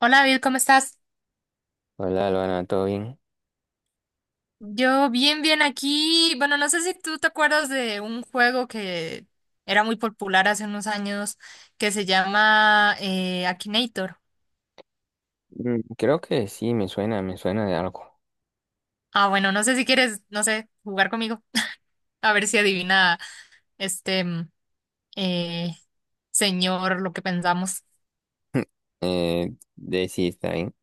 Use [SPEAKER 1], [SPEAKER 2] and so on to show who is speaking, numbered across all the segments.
[SPEAKER 1] Hola David, ¿cómo estás?
[SPEAKER 2] Hola, Luana, ¿todo bien?
[SPEAKER 1] Yo bien, bien aquí. Bueno, no sé si tú te acuerdas de un juego que era muy popular hace unos años que se llama Akinator.
[SPEAKER 2] Creo que sí, me suena de algo.
[SPEAKER 1] Ah, bueno, no sé si quieres, no sé, jugar conmigo. A ver si adivina este eh, señor lo que pensamos.
[SPEAKER 2] De sí, está bien.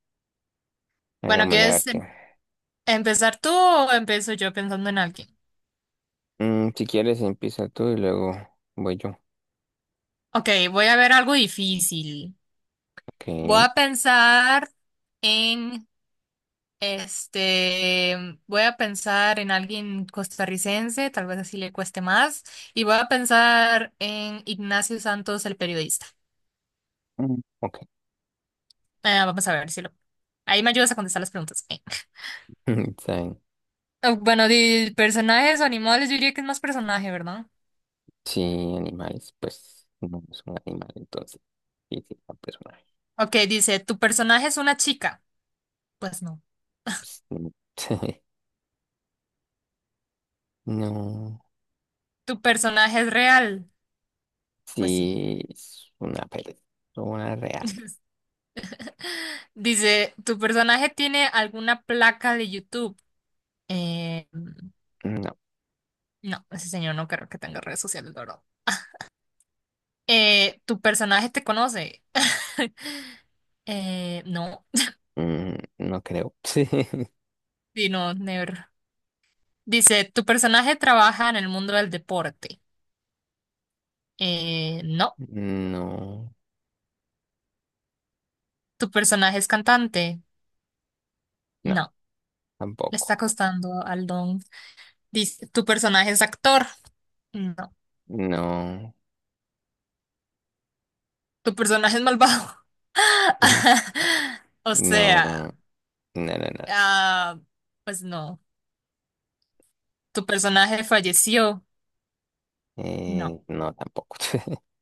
[SPEAKER 1] Bueno,
[SPEAKER 2] Hagámosle a ver
[SPEAKER 1] ¿quieres
[SPEAKER 2] qué.
[SPEAKER 1] empezar tú o empiezo yo pensando en alguien?
[SPEAKER 2] Si quieres, empieza tú y luego voy yo.
[SPEAKER 1] Ok, voy a ver algo difícil.
[SPEAKER 2] Ok.
[SPEAKER 1] Voy a pensar en... Este, voy a pensar en alguien costarricense, tal vez así le cueste más, y voy a pensar en Ignacio Santos, el periodista.
[SPEAKER 2] Mm. Ok.
[SPEAKER 1] Vamos a ver si lo... Ahí me ayudas a contestar las preguntas.
[SPEAKER 2] Está bien.
[SPEAKER 1] Ah, bueno, de personajes o animales, yo diría que es más personaje, ¿verdad?
[SPEAKER 2] Sí, animales, pues no es un animal, entonces. Sí, sí, un personaje.
[SPEAKER 1] Ok, dice, ¿tu personaje es una chica? Pues no.
[SPEAKER 2] Pues, no. No,
[SPEAKER 1] ¿Tu personaje es real? Pues sí.
[SPEAKER 2] sí, es una persona real.
[SPEAKER 1] Dice, ¿tu personaje tiene alguna placa de YouTube? Eh,
[SPEAKER 2] No,
[SPEAKER 1] no, ese señor no creo que tenga redes sociales, ¿la verdad? Tu personaje te conoce. No,
[SPEAKER 2] no creo.
[SPEAKER 1] sí, no, never. Dice, tu personaje trabaja en el mundo del deporte. No,
[SPEAKER 2] No,
[SPEAKER 1] tu personaje es cantante.
[SPEAKER 2] no,
[SPEAKER 1] No, le está
[SPEAKER 2] tampoco.
[SPEAKER 1] costando al don. Dice, tu personaje es actor. No,
[SPEAKER 2] No,
[SPEAKER 1] tu personaje es malvado.
[SPEAKER 2] ujú,
[SPEAKER 1] O
[SPEAKER 2] no,
[SPEAKER 1] sea,
[SPEAKER 2] no, no, no, no,
[SPEAKER 1] ah, pues no, tu personaje falleció. No,
[SPEAKER 2] no tampoco.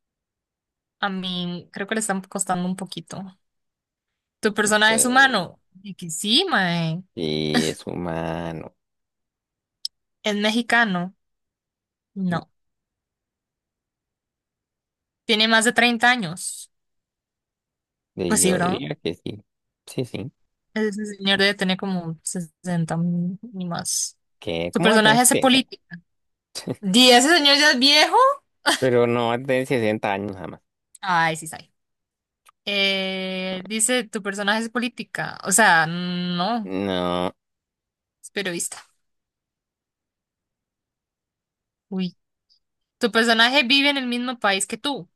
[SPEAKER 1] a mí creo que le están costando un poquito. ¿Tu personaje es
[SPEAKER 2] Pues,
[SPEAKER 1] humano? Y que sí, mae.
[SPEAKER 2] y es humano.
[SPEAKER 1] ¿Es mexicano? No. ¿Tiene más de 30 años?
[SPEAKER 2] Y
[SPEAKER 1] Pues sí,
[SPEAKER 2] yo
[SPEAKER 1] ¿verdad?
[SPEAKER 2] diría que sí, sí, sí.
[SPEAKER 1] Ese señor debe tener como 60 ni más.
[SPEAKER 2] ¿Qué?
[SPEAKER 1] ¿Tu
[SPEAKER 2] ¿Cómo va a tener
[SPEAKER 1] personaje hace
[SPEAKER 2] 60?
[SPEAKER 1] política? ¿Y ese señor ya es viejo?
[SPEAKER 2] Pero no va a tener 60 años jamás.
[SPEAKER 1] Ay, sí, sabe. Dice, ¿tu personaje es política? O sea, no,
[SPEAKER 2] No,
[SPEAKER 1] es periodista. Uy. ¿Tu personaje vive en el mismo país que tú?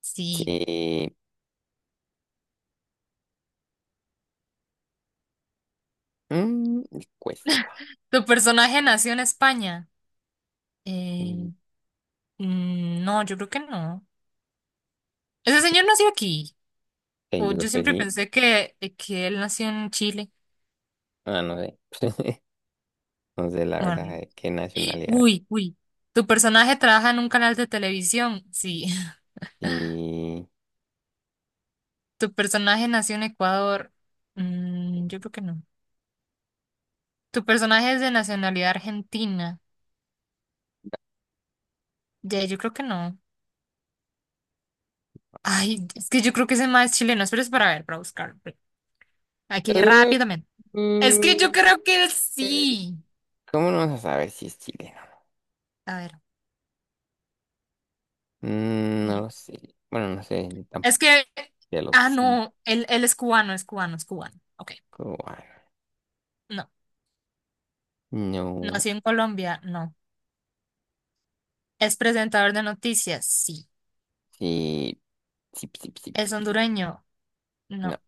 [SPEAKER 1] Sí.
[SPEAKER 2] sí, mm, cuesta.
[SPEAKER 1] ¿Tu personaje nació en España?
[SPEAKER 2] Mm,
[SPEAKER 1] Eh, no, yo creo que no. Ese señor nació aquí.
[SPEAKER 2] sí,
[SPEAKER 1] O
[SPEAKER 2] yo
[SPEAKER 1] yo
[SPEAKER 2] creo que
[SPEAKER 1] siempre
[SPEAKER 2] sí.
[SPEAKER 1] pensé que él nació en Chile.
[SPEAKER 2] Ah, no sé. No sé la verdad
[SPEAKER 1] Bueno,
[SPEAKER 2] de qué nacionalidad.
[SPEAKER 1] uy, uy. Tu personaje trabaja en un canal de televisión. Sí.
[SPEAKER 2] Y.
[SPEAKER 1] Tu personaje nació en Ecuador. Mm, yo creo que no. Tu personaje es de nacionalidad argentina. Ya, yo creo que no. Ay, es que yo creo que ese más es chileno. Esperes para ver, para buscar. Aquí
[SPEAKER 2] Uh,
[SPEAKER 1] rápidamente. Es
[SPEAKER 2] uh,
[SPEAKER 1] que yo creo que
[SPEAKER 2] uh,
[SPEAKER 1] sí.
[SPEAKER 2] ¿Cómo no vas a saber si es chileno?
[SPEAKER 1] A ver. eh,
[SPEAKER 2] No lo sé. Bueno, no sé,
[SPEAKER 1] Es
[SPEAKER 2] tampoco.
[SPEAKER 1] que.
[SPEAKER 2] Ya lo
[SPEAKER 1] Ah,
[SPEAKER 2] cinco.
[SPEAKER 1] no. Él es cubano, es cubano, es cubano. Ok.
[SPEAKER 2] Ah,
[SPEAKER 1] No.
[SPEAKER 2] no.
[SPEAKER 1] Nació en Colombia. No. ¿Es presentador de noticias? Sí.
[SPEAKER 2] Sí. Sí, sí, sí,
[SPEAKER 1] ¿Es
[SPEAKER 2] sí, sí, sí.
[SPEAKER 1] hondureño? No.
[SPEAKER 2] No,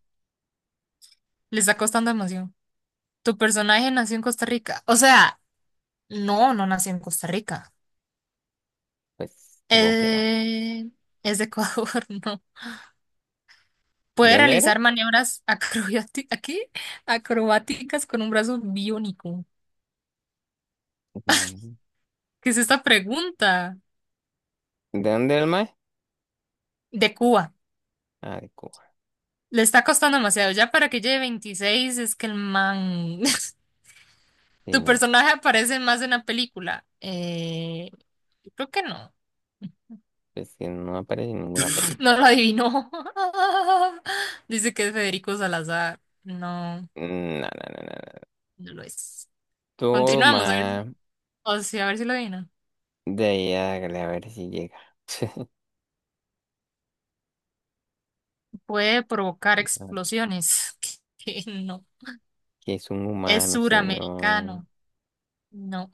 [SPEAKER 1] Le está costando emoción. ¿Tu personaje nació en Costa Rica? O sea, no, no nació en Costa Rica.
[SPEAKER 2] pues supongo que no.
[SPEAKER 1] Eh, ¿Es de Ecuador? No.
[SPEAKER 2] ¿De
[SPEAKER 1] ¿Puede
[SPEAKER 2] dónde era?
[SPEAKER 1] realizar maniobras acrobati- aquí? Acrobáticas con un brazo biónico?
[SPEAKER 2] No.
[SPEAKER 1] ¿Qué es esta pregunta?
[SPEAKER 2] ¿De dónde era el mae?
[SPEAKER 1] De Cuba.
[SPEAKER 2] Ah, de Cuba.
[SPEAKER 1] Le está costando demasiado. Ya para que lleve 26. Es que el man...
[SPEAKER 2] Sí,
[SPEAKER 1] ¿Tu
[SPEAKER 2] no.
[SPEAKER 1] personaje aparece más en la película? Yo creo que no.
[SPEAKER 2] Es que no aparece en ninguna peli.
[SPEAKER 1] No lo adivinó. Dice que es Federico Salazar. No,
[SPEAKER 2] No, no, no, no. No.
[SPEAKER 1] no lo es.
[SPEAKER 2] Toma.
[SPEAKER 1] Continuamos, a ver, o sea, a ver si lo adivina.
[SPEAKER 2] De ahí hágale a ver si llega.
[SPEAKER 1] Puede provocar
[SPEAKER 2] No,
[SPEAKER 1] explosiones. Que no.
[SPEAKER 2] que es un
[SPEAKER 1] Es
[SPEAKER 2] humano, señor.
[SPEAKER 1] suramericano. No.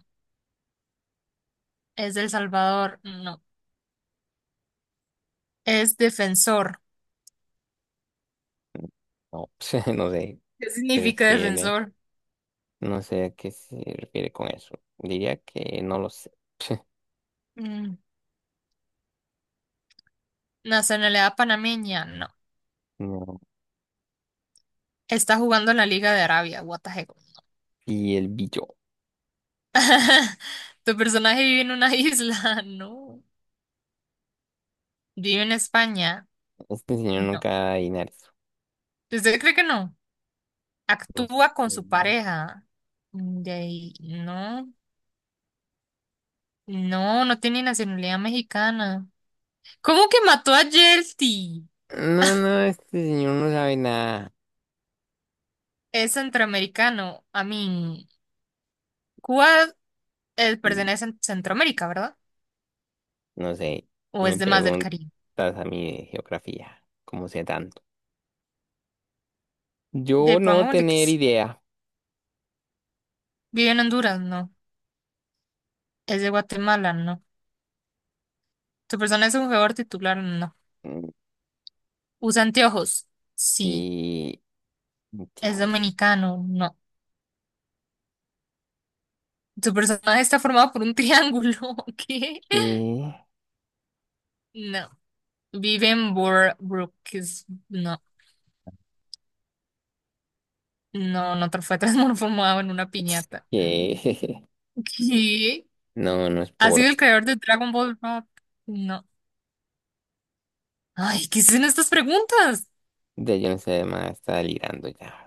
[SPEAKER 1] Es del Salvador. No. Es defensor.
[SPEAKER 2] No, no sé.
[SPEAKER 1] ¿Qué
[SPEAKER 2] Se
[SPEAKER 1] significa
[SPEAKER 2] refiere.
[SPEAKER 1] defensor?
[SPEAKER 2] No sé a qué se refiere con eso. Diría que no lo sé.
[SPEAKER 1] Mm. Nacionalidad panameña. No.
[SPEAKER 2] No.
[SPEAKER 1] Está jugando en la Liga de Arabia. What the heck.
[SPEAKER 2] Y el billo.
[SPEAKER 1] ¿Tu personaje vive en una isla? No. ¿Vive en España?
[SPEAKER 2] Este señor
[SPEAKER 1] No.
[SPEAKER 2] nunca da dinero.
[SPEAKER 1] ¿Usted cree que no?
[SPEAKER 2] No
[SPEAKER 1] Actúa con
[SPEAKER 2] sé.
[SPEAKER 1] su pareja. Mm, de ahí, no, no, no tiene nacionalidad mexicana. ¿Cómo que mató a Yelty?
[SPEAKER 2] No, no, este señor no sabe nada.
[SPEAKER 1] Es centroamericano. A mí, Cuba
[SPEAKER 2] Y
[SPEAKER 1] pertenece a Centroamérica, ¿verdad?
[SPEAKER 2] no sé.
[SPEAKER 1] ¿O
[SPEAKER 2] Me
[SPEAKER 1] es de más del
[SPEAKER 2] preguntas
[SPEAKER 1] Caribe?
[SPEAKER 2] a mí de geografía. ¿Cómo sé tanto?
[SPEAKER 1] De
[SPEAKER 2] Yo no
[SPEAKER 1] pongámosle que
[SPEAKER 2] tener
[SPEAKER 1] sí.
[SPEAKER 2] idea.
[SPEAKER 1] Vive en Honduras, no. Es de Guatemala, no. ¿Tu persona es un jugador titular? No.
[SPEAKER 2] Mm,
[SPEAKER 1] ¿Usa anteojos? Sí.
[SPEAKER 2] sí.
[SPEAKER 1] ¿Es
[SPEAKER 2] Dios.
[SPEAKER 1] dominicano? No. ¿Tu personaje está formado por un triángulo? ¿Qué?
[SPEAKER 2] ¿Qué?
[SPEAKER 1] No. Vive en Boardwalk, no, fue transformado en una piñata.
[SPEAKER 2] ¿Qué?
[SPEAKER 1] ¿Qué?
[SPEAKER 2] No, no es
[SPEAKER 1] ¿Ha sido
[SPEAKER 2] por.
[SPEAKER 1] el creador de Dragon Ball Rock? No. Ay, ¿qué son estas preguntas?
[SPEAKER 2] De yo no sé, más está delirando ya.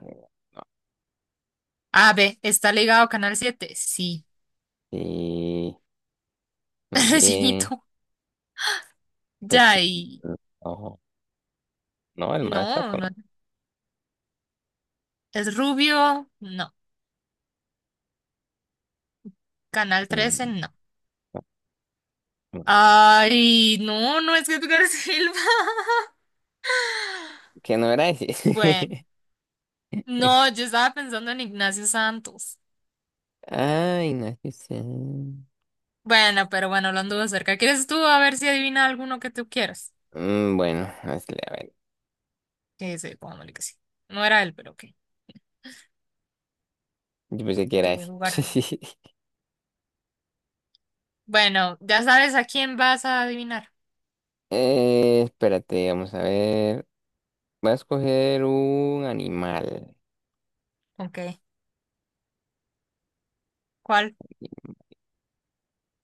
[SPEAKER 1] A, B, ¿está ligado a Canal 7? Sí.
[SPEAKER 2] Sí. Muy bien.
[SPEAKER 1] Rellenito.
[SPEAKER 2] Pues,
[SPEAKER 1] Ya,
[SPEAKER 2] mm,
[SPEAKER 1] y
[SPEAKER 2] no, no, el más flaco
[SPEAKER 1] no. ¿Es rubio? No. ¿Canal
[SPEAKER 2] no.
[SPEAKER 1] Trece.
[SPEAKER 2] Mm,
[SPEAKER 1] No.
[SPEAKER 2] no, no sé.
[SPEAKER 1] Ay, no, no es Edgar Silva.
[SPEAKER 2] Que no era ese.
[SPEAKER 1] Bueno, no, yo estaba pensando en Ignacio Santos.
[SPEAKER 2] Ay, no es que sea.
[SPEAKER 1] Bueno, pero bueno, lo anduvo cerca. ¿Quieres tú a ver si adivina alguno que tú quieras?
[SPEAKER 2] Bueno, no, es que, a ver.
[SPEAKER 1] Que sí, pongámosle que sí. No era él, pero ok.
[SPEAKER 2] Yo pensé que
[SPEAKER 1] Ok,
[SPEAKER 2] era ese.
[SPEAKER 1] jugar. Bueno, ya sabes a quién vas a adivinar.
[SPEAKER 2] Espérate, vamos a ver. Voy a escoger un animal.
[SPEAKER 1] Ok, ¿cuál?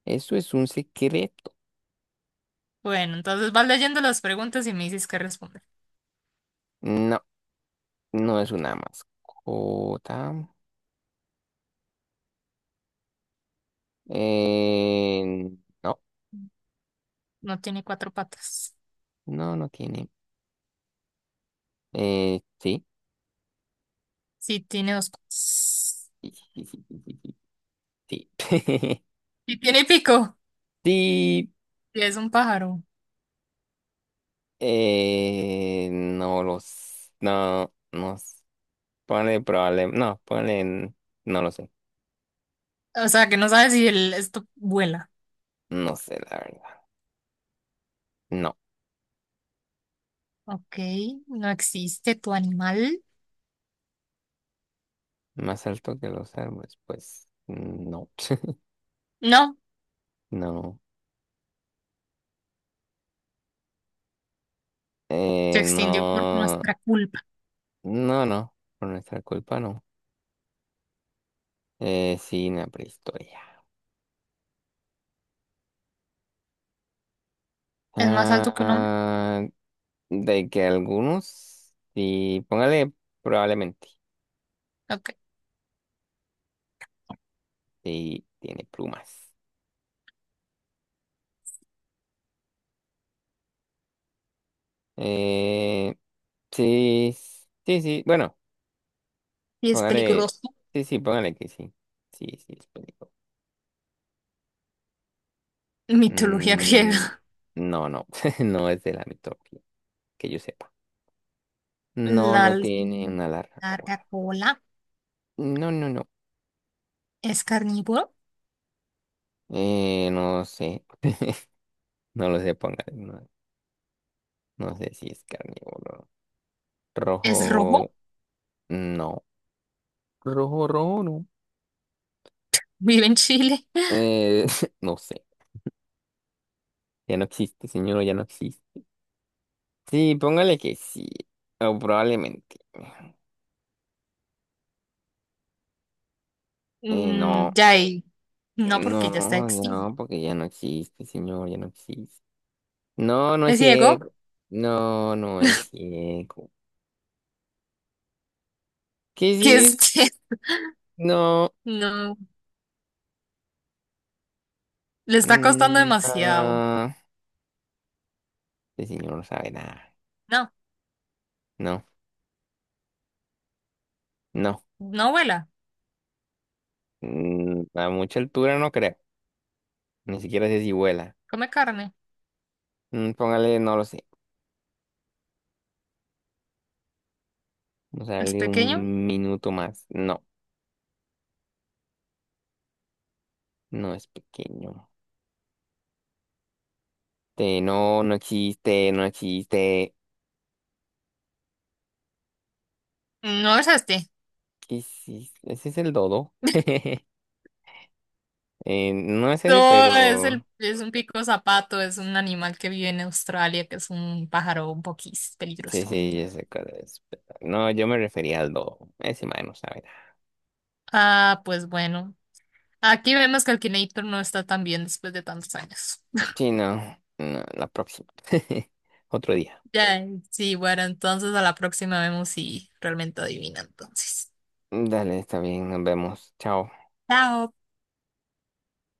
[SPEAKER 2] ¿Eso es un secreto?
[SPEAKER 1] Bueno, entonces vas leyendo las preguntas y me dices qué responder.
[SPEAKER 2] No, no es una mascota. Eh, no,
[SPEAKER 1] No tiene cuatro patas.
[SPEAKER 2] no, no tiene. Sí.
[SPEAKER 1] Sí, tiene dos patas.
[SPEAKER 2] Sí.
[SPEAKER 1] Sí, tiene pico.
[SPEAKER 2] Sí,
[SPEAKER 1] Sí, es un pájaro.
[SPEAKER 2] no los, no, no, ponle probable, no, ponle, no lo sé,
[SPEAKER 1] O sea, que no sabes si el, esto vuela.
[SPEAKER 2] no sé la verdad, no,
[SPEAKER 1] Ok, no existe tu animal.
[SPEAKER 2] más alto que los árboles, pues, no,
[SPEAKER 1] No,
[SPEAKER 2] no,
[SPEAKER 1] se extinguió por
[SPEAKER 2] no,
[SPEAKER 1] nuestra culpa.
[SPEAKER 2] no, no, por nuestra culpa no, sí, en la prehistoria,
[SPEAKER 1] ¿Es más alto que un hombre?
[SPEAKER 2] ah, de que algunos, sí, póngale probablemente,
[SPEAKER 1] Ok.
[SPEAKER 2] sí, tiene plumas, eh. Sí, sí, sí. Bueno,
[SPEAKER 1] Y es
[SPEAKER 2] póngale.
[SPEAKER 1] peligroso.
[SPEAKER 2] Sí, sí, póngale que sí. Sí, sí, es película.
[SPEAKER 1] Mitología
[SPEAKER 2] Mm,
[SPEAKER 1] griega.
[SPEAKER 2] no, no. No es de la mitología, que yo sepa. No,
[SPEAKER 1] La
[SPEAKER 2] no
[SPEAKER 1] alce-
[SPEAKER 2] tiene una larga
[SPEAKER 1] larga
[SPEAKER 2] cola.
[SPEAKER 1] cola.
[SPEAKER 2] No, no, no.
[SPEAKER 1] Es carnívoro.
[SPEAKER 2] No sé. No lo sé, póngale. No, no sé si es carnívoro.
[SPEAKER 1] Es rojo.
[SPEAKER 2] Rojo, no. Rojo, rojo, no.
[SPEAKER 1] Vive en Chile.
[SPEAKER 2] Eh, no sé. Ya no existe, señor, ya no existe. Sí, póngale que sí. O probablemente. No.
[SPEAKER 1] Mm, ya ahí. No, porque ya está
[SPEAKER 2] No,
[SPEAKER 1] extinto.
[SPEAKER 2] no, porque ya no existe, señor, ya no existe. No, no es
[SPEAKER 1] Es ciego.
[SPEAKER 2] ciego. No, no es ciego. ¿Qué
[SPEAKER 1] Que
[SPEAKER 2] es
[SPEAKER 1] es
[SPEAKER 2] eso? No.
[SPEAKER 1] no. Le está costando
[SPEAKER 2] Mm,
[SPEAKER 1] demasiado.
[SPEAKER 2] ah, este señor no sabe nada.
[SPEAKER 1] No.
[SPEAKER 2] No, no.
[SPEAKER 1] No vuela.
[SPEAKER 2] A mucha altura no creo. Ni siquiera sé si vuela.
[SPEAKER 1] Come carne.
[SPEAKER 2] Póngale, no lo sé. Vamos a
[SPEAKER 1] Es
[SPEAKER 2] darle
[SPEAKER 1] pequeño.
[SPEAKER 2] un minuto más. No, no es pequeño. Este, no, no existe, no existe.
[SPEAKER 1] No es este.
[SPEAKER 2] ¿Qué es eso? ¿Ese es el dodo? No es ese,
[SPEAKER 1] No, es el,
[SPEAKER 2] pero
[SPEAKER 1] es un pico zapato, es un animal que vive en Australia, que es un pájaro un poquís
[SPEAKER 2] sí,
[SPEAKER 1] peligroso.
[SPEAKER 2] sí, yo sé cuál es, pero no, yo me refería al lobo. Ese man no sabe nada.
[SPEAKER 1] Ah, pues bueno. Aquí vemos que Akinator no está tan bien después de tantos años.
[SPEAKER 2] Sí, no, no, la próxima. Otro día.
[SPEAKER 1] Ya, sí, bueno, entonces a la próxima vemos si realmente adivina entonces.
[SPEAKER 2] Dale, está bien, nos vemos. Chao.
[SPEAKER 1] Chao.